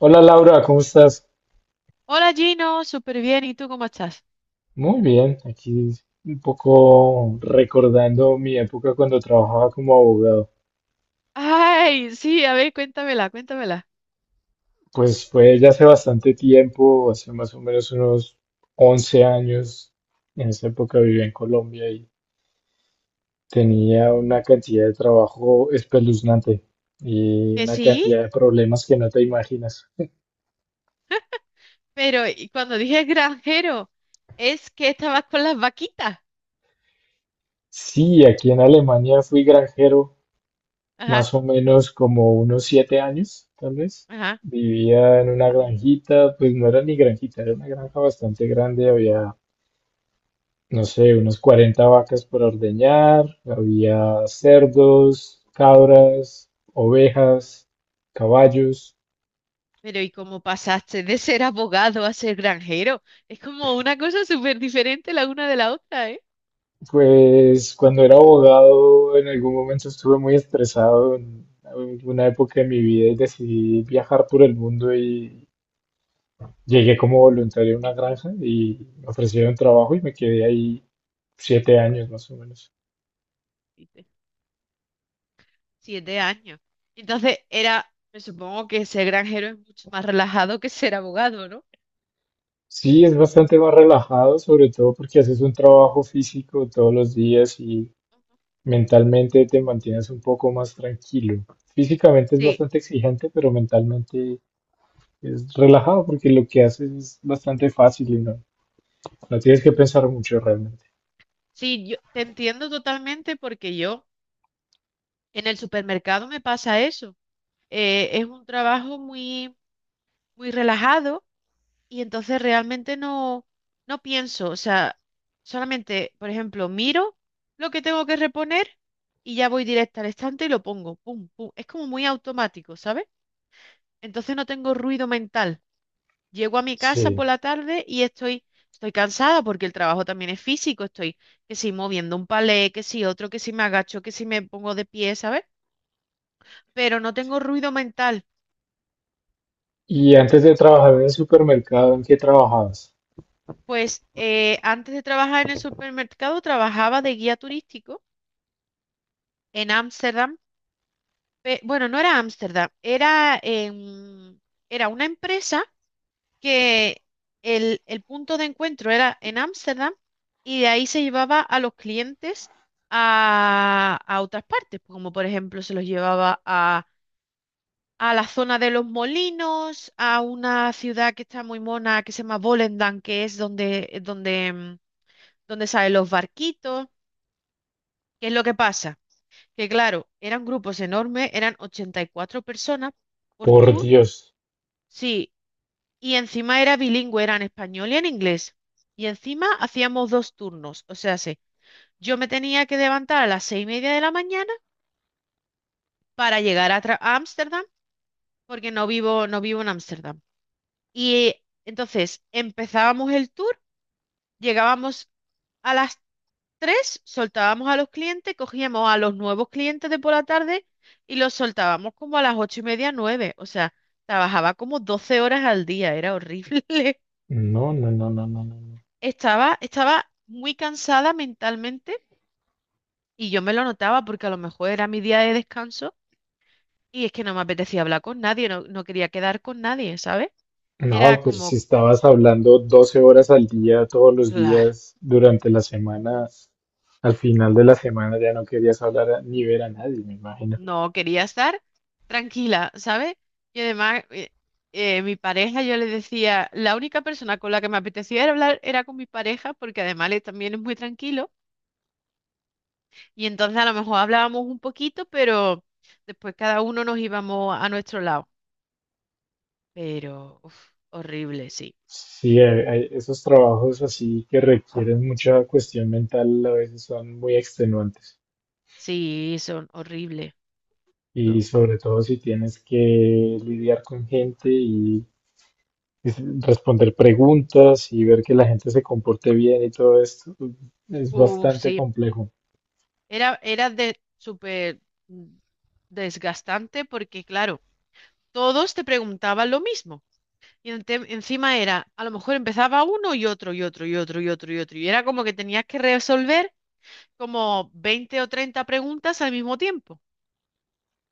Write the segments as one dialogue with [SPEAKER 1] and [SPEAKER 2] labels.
[SPEAKER 1] Hola Laura, ¿cómo estás?
[SPEAKER 2] Hola Gino, súper bien. ¿Y tú cómo estás?
[SPEAKER 1] Muy bien, aquí un poco recordando mi época cuando trabajaba como abogado.
[SPEAKER 2] Ay, sí, a ver, cuéntamela, cuéntamela.
[SPEAKER 1] Pues fue ya hace bastante tiempo, hace más o menos unos 11 años. En esa época vivía en Colombia y tenía una cantidad de trabajo espeluznante y
[SPEAKER 2] Que
[SPEAKER 1] una
[SPEAKER 2] sí,
[SPEAKER 1] cantidad de problemas que no te imaginas.
[SPEAKER 2] pero y cuando dije granjero, es que estabas con las vaquitas.
[SPEAKER 1] Sí, aquí en Alemania fui granjero
[SPEAKER 2] Ajá,
[SPEAKER 1] más o menos como unos 7 años, tal vez.
[SPEAKER 2] ajá.
[SPEAKER 1] Vivía en una granjita, pues no era ni granjita, era una granja bastante grande, había, no sé, unos 40 vacas por ordeñar, había cerdos, cabras, ovejas, caballos.
[SPEAKER 2] Pero ¿y cómo pasaste de ser abogado a ser granjero? Es como una cosa súper diferente la una de la otra, ¿eh?
[SPEAKER 1] Pues cuando era abogado en algún momento estuve muy estresado en alguna época de mi vida y decidí viajar por el mundo y llegué como voluntario a una granja y me ofrecieron trabajo y me quedé ahí 7 años más o menos.
[SPEAKER 2] Viste, 7 años. Entonces era, me supongo que ser granjero es mucho más relajado que ser abogado, ¿no?
[SPEAKER 1] Sí, es bastante más relajado, sobre todo porque haces un trabajo físico todos los días y mentalmente te mantienes un poco más tranquilo. Físicamente es
[SPEAKER 2] Sí,
[SPEAKER 1] bastante exigente, pero mentalmente es relajado porque lo que haces es bastante fácil y no, no tienes que pensar mucho realmente.
[SPEAKER 2] sí, yo te entiendo totalmente porque yo en el supermercado me pasa eso. Es un trabajo muy relajado y entonces realmente no pienso. O sea, solamente, por ejemplo, miro lo que tengo que reponer y ya voy directa al estante y lo pongo. Pum, pum. Es como muy automático, ¿sabes? Entonces no tengo ruido mental. Llego a mi casa
[SPEAKER 1] Sí.
[SPEAKER 2] por la tarde y estoy cansada porque el trabajo también es físico. Estoy que si moviendo un palé, que si otro, que si me agacho, que si me pongo de pie, ¿sabes? Pero no tengo ruido mental.
[SPEAKER 1] Y antes de trabajar en el supermercado, ¿en qué trabajabas?
[SPEAKER 2] Pues antes de trabajar en el supermercado, trabajaba de guía turístico en Ámsterdam. Bueno, no era Ámsterdam, era era una empresa que el punto de encuentro era en Ámsterdam y de ahí se llevaba a los clientes a otras partes, como por ejemplo se los llevaba a la zona de los molinos, a una ciudad que está muy mona que se llama Volendam, que es donde, donde salen los barquitos. ¿Qué es lo que pasa? Que claro, eran grupos enormes, eran 84 personas por
[SPEAKER 1] Por
[SPEAKER 2] tour,
[SPEAKER 1] Dios.
[SPEAKER 2] sí, y encima era bilingüe, era en español y en inglés. Y encima hacíamos dos turnos, o sea, sí, yo me tenía que levantar a las 6:30 de la mañana para llegar a, a Ámsterdam, porque no vivo en Ámsterdam. Y entonces empezábamos el tour, llegábamos a las 3, soltábamos a los clientes, cogíamos a los nuevos clientes de por la tarde y los soltábamos como a las 8:30, nueve. O sea, trabajaba como 12 horas al día, era horrible.
[SPEAKER 1] No, no, no, no, no, no. No.
[SPEAKER 2] Estaba muy cansada mentalmente y yo me lo notaba porque a lo mejor era mi día de descanso y es que no me apetecía hablar con nadie, no quería quedar con nadie, ¿sabes? Era
[SPEAKER 1] No, pero si
[SPEAKER 2] como,
[SPEAKER 1] estabas hablando 12 horas al día, todos los
[SPEAKER 2] claro.
[SPEAKER 1] días, durante la semana, al final de la semana ya no querías hablar ni ver a nadie, me imagino.
[SPEAKER 2] No, quería estar tranquila, ¿sabes? Y además, mi pareja, yo le decía, la única persona con la que me apetecía era hablar era con mi pareja, porque además él también es muy tranquilo. Y entonces a lo mejor hablábamos un poquito, pero después cada uno nos íbamos a nuestro lado. Pero, uf, horrible, sí.
[SPEAKER 1] Sí, esos trabajos así que requieren mucha cuestión mental a veces son muy extenuantes.
[SPEAKER 2] Sí, son horribles. No.
[SPEAKER 1] Y sobre todo si tienes que lidiar con gente y responder preguntas y ver que la gente se comporte bien y todo esto, es
[SPEAKER 2] Uf,
[SPEAKER 1] bastante
[SPEAKER 2] sí.
[SPEAKER 1] complejo.
[SPEAKER 2] Era de súper mm, desgastante porque, claro, todos te preguntaban lo mismo. Encima era, a lo mejor empezaba uno y otro y otro y otro y otro y otro. Y era como que tenías que resolver como 20 o 30 preguntas al mismo tiempo.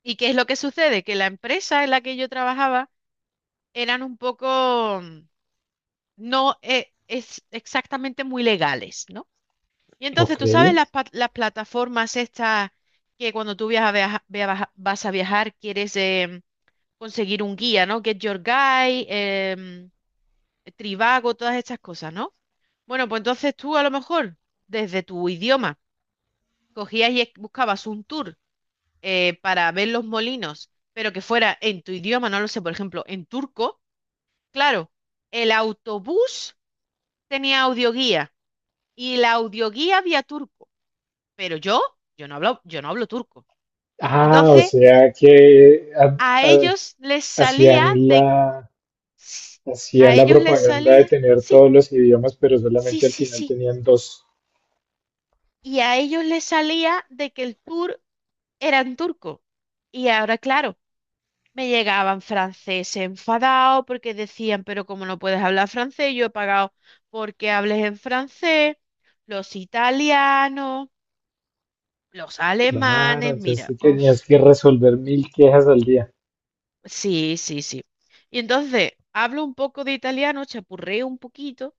[SPEAKER 2] ¿Y qué es lo que sucede? Que la empresa en la que yo trabajaba eran un poco, no es exactamente muy legales, ¿no? Y entonces,
[SPEAKER 1] Ok.
[SPEAKER 2] tú sabes las plataformas estas que cuando tú viajas, vas a viajar, quieres conseguir un guía, ¿no? Get Your Guide, Trivago, todas estas cosas, ¿no? Bueno, pues entonces tú a lo mejor desde tu idioma cogías y buscabas un tour para ver los molinos, pero que fuera en tu idioma, no lo sé, por ejemplo, en turco. Claro, el autobús tenía audioguía y la audioguía había turco, pero yo no hablo turco.
[SPEAKER 1] Ah, o
[SPEAKER 2] Entonces,
[SPEAKER 1] sea que
[SPEAKER 2] a ellos les salía
[SPEAKER 1] hacían
[SPEAKER 2] de...
[SPEAKER 1] la,
[SPEAKER 2] s- A
[SPEAKER 1] hacían la
[SPEAKER 2] ellos les
[SPEAKER 1] propaganda de
[SPEAKER 2] salía...
[SPEAKER 1] tener
[SPEAKER 2] Sí,
[SPEAKER 1] todos los idiomas, pero solamente al final
[SPEAKER 2] sí.
[SPEAKER 1] tenían dos.
[SPEAKER 2] Y a ellos les salía de que el tour era en turco. Y ahora, claro. Me llegaban francés enfadado porque decían, pero como no puedes hablar francés, yo he pagado porque hables en francés, los italianos, los
[SPEAKER 1] Claro,
[SPEAKER 2] alemanes,
[SPEAKER 1] entonces
[SPEAKER 2] mira,
[SPEAKER 1] tú tenías
[SPEAKER 2] uf,
[SPEAKER 1] que resolver 1.000 quejas al día.
[SPEAKER 2] sí, sí. Y entonces hablo un poco de italiano, chapurreo un poquito,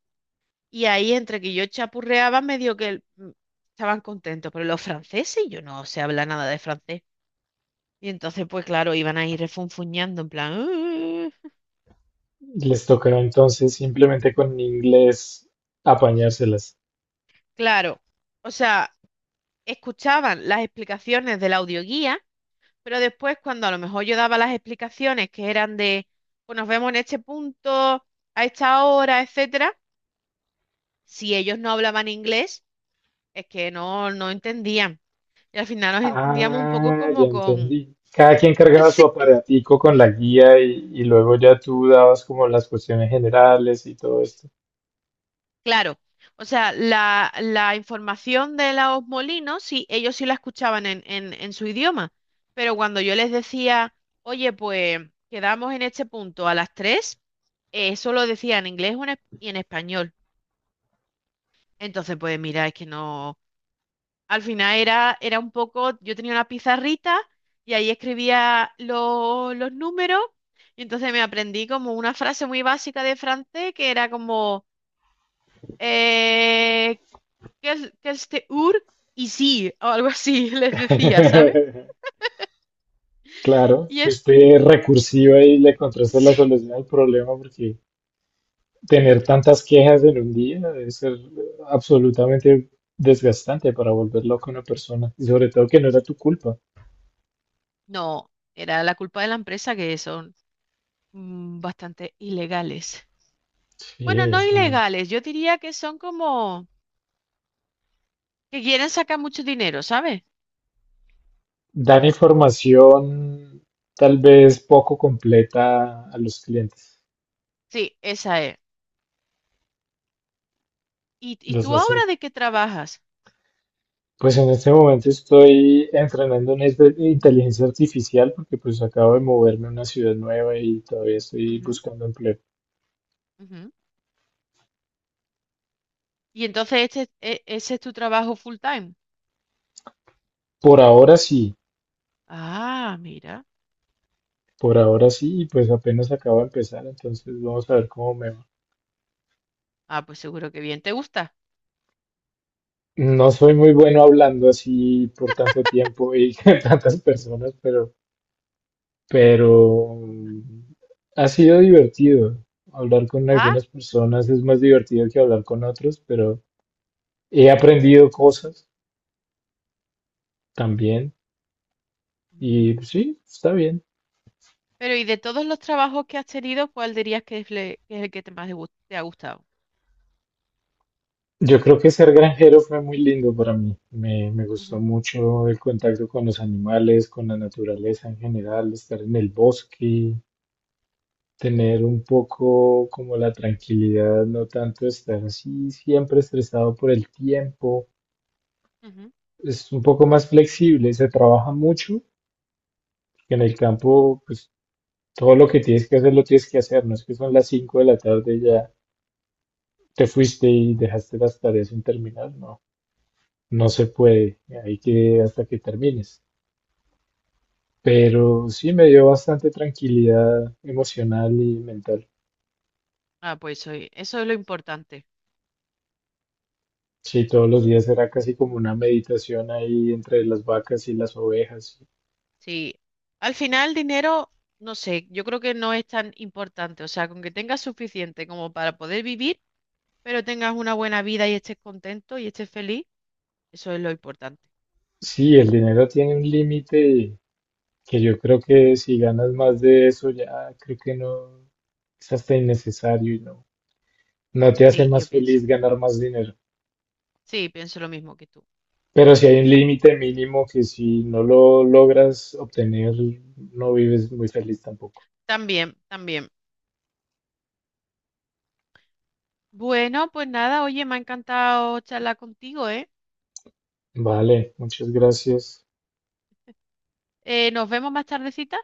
[SPEAKER 2] y ahí entre que yo chapurreaba, medio que estaban contentos, pero los franceses, yo no sé hablar nada de francés. Y entonces, pues claro, iban ahí refunfuñando en plan".
[SPEAKER 1] Les tocaba entonces simplemente con inglés apañárselas.
[SPEAKER 2] Claro, o sea, escuchaban las explicaciones de la audioguía, pero después cuando a lo mejor yo daba las explicaciones que eran de, pues nos vemos en este punto, a esta hora, etcétera, si ellos no hablaban inglés, es que no entendían. Y al final nos entendíamos un poco
[SPEAKER 1] Ah, ya
[SPEAKER 2] como con...
[SPEAKER 1] entendí. Cada quien cargaba su
[SPEAKER 2] Sí,
[SPEAKER 1] aparatico con la guía y luego ya tú dabas como las cuestiones generales y todo esto.
[SPEAKER 2] claro. O sea, la información de los molinos, sí, ellos sí la escuchaban en su idioma, pero cuando yo les decía, oye, pues quedamos en este punto a las 3. Eso lo decía en inglés o y en español. Entonces, pues mira, es que no. Al final era un poco. Yo tenía una pizarrita y ahí escribía los números. Y entonces me aprendí como una frase muy básica de francés que era como. Eh, "Quel- quel te ur" y sí, o algo así, les decía, ¿sabes?
[SPEAKER 1] Claro,
[SPEAKER 2] Y en-
[SPEAKER 1] fuiste recursiva y le encontraste la
[SPEAKER 2] sí.
[SPEAKER 1] solución al problema porque tener tantas quejas en un día debe ser absolutamente desgastante para volver loca a una persona y sobre todo que no era tu culpa.
[SPEAKER 2] No, era la culpa de la empresa que son bastante ilegales.
[SPEAKER 1] Sí,
[SPEAKER 2] Bueno, no
[SPEAKER 1] eso no.
[SPEAKER 2] ilegales, yo diría que son como. Que quieren sacar mucho dinero, ¿sabes?
[SPEAKER 1] Dar información tal vez poco completa a los clientes.
[SPEAKER 2] Sí, esa es. Y
[SPEAKER 1] Los
[SPEAKER 2] tú
[SPEAKER 1] hacen.
[SPEAKER 2] ahora de qué trabajas?
[SPEAKER 1] Pues en este momento estoy entrenando en inteligencia artificial porque pues acabo de moverme a una ciudad nueva y todavía estoy
[SPEAKER 2] Ujú,
[SPEAKER 1] buscando empleo.
[SPEAKER 2] ujú. Y entonces ese es tu trabajo full time.
[SPEAKER 1] Por ahora sí,
[SPEAKER 2] Ah, mira.
[SPEAKER 1] por ahora sí, y pues apenas acabo de empezar, entonces vamos a ver cómo me va.
[SPEAKER 2] Ah, pues seguro que bien te gusta.
[SPEAKER 1] No soy muy bueno hablando así por tanto tiempo y con tantas personas, pero ha sido divertido. Hablar con
[SPEAKER 2] Ah,
[SPEAKER 1] algunas personas es más divertido que hablar con otros, pero he aprendido cosas también y
[SPEAKER 2] ujú.
[SPEAKER 1] sí, está bien.
[SPEAKER 2] Pero ¿y de todos los trabajos que has tenido, cuál dirías que es el que te ha gustado?
[SPEAKER 1] Yo creo que ser granjero fue muy lindo para mí. Me gustó
[SPEAKER 2] Ujú,
[SPEAKER 1] mucho el contacto con los animales, con la naturaleza en general, estar en el bosque, tener un poco como la tranquilidad, no tanto estar así siempre estresado por el tiempo.
[SPEAKER 2] ujú,
[SPEAKER 1] Es un poco más flexible, se trabaja mucho, que en el campo, pues todo lo que tienes que hacer lo tienes que hacer, no es que son las 5 de la tarde y ya te fuiste y dejaste las tareas sin terminar, no, no
[SPEAKER 2] ujú.
[SPEAKER 1] se puede, hay que hasta que termines. Pero sí me dio bastante tranquilidad emocional y mental.
[SPEAKER 2] Ah, pues eso, eso es lo importante.
[SPEAKER 1] Sí, todos los días era casi como una meditación ahí entre las vacas y las ovejas.
[SPEAKER 2] Sí. Al final, dinero, no sé, yo creo que no es tan importante. O sea, con que tengas suficiente como para poder vivir. Pero tengas una buena vida y estés contento y estés feliz, eso es lo importante.
[SPEAKER 1] Sí, el dinero tiene un límite que yo creo que si ganas más de eso ya creo que no es hasta innecesario y no, no te hace
[SPEAKER 2] Sí, yo
[SPEAKER 1] más
[SPEAKER 2] pienso.
[SPEAKER 1] feliz ganar más dinero.
[SPEAKER 2] Sí, pienso lo mismo que tú.
[SPEAKER 1] Pero si hay un límite mínimo que si no lo logras obtener, no vives muy feliz tampoco.
[SPEAKER 2] También, también. Bueno, pues nada, oye, me ha encantado charlar contigo, ¿eh?
[SPEAKER 1] Vale, muchas gracias.
[SPEAKER 2] Nos vemos más tardecita.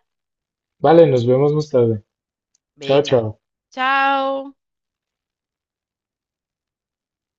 [SPEAKER 1] Vale, nos vemos más tarde. Chao,
[SPEAKER 2] Venga.
[SPEAKER 1] chao.
[SPEAKER 2] Chao.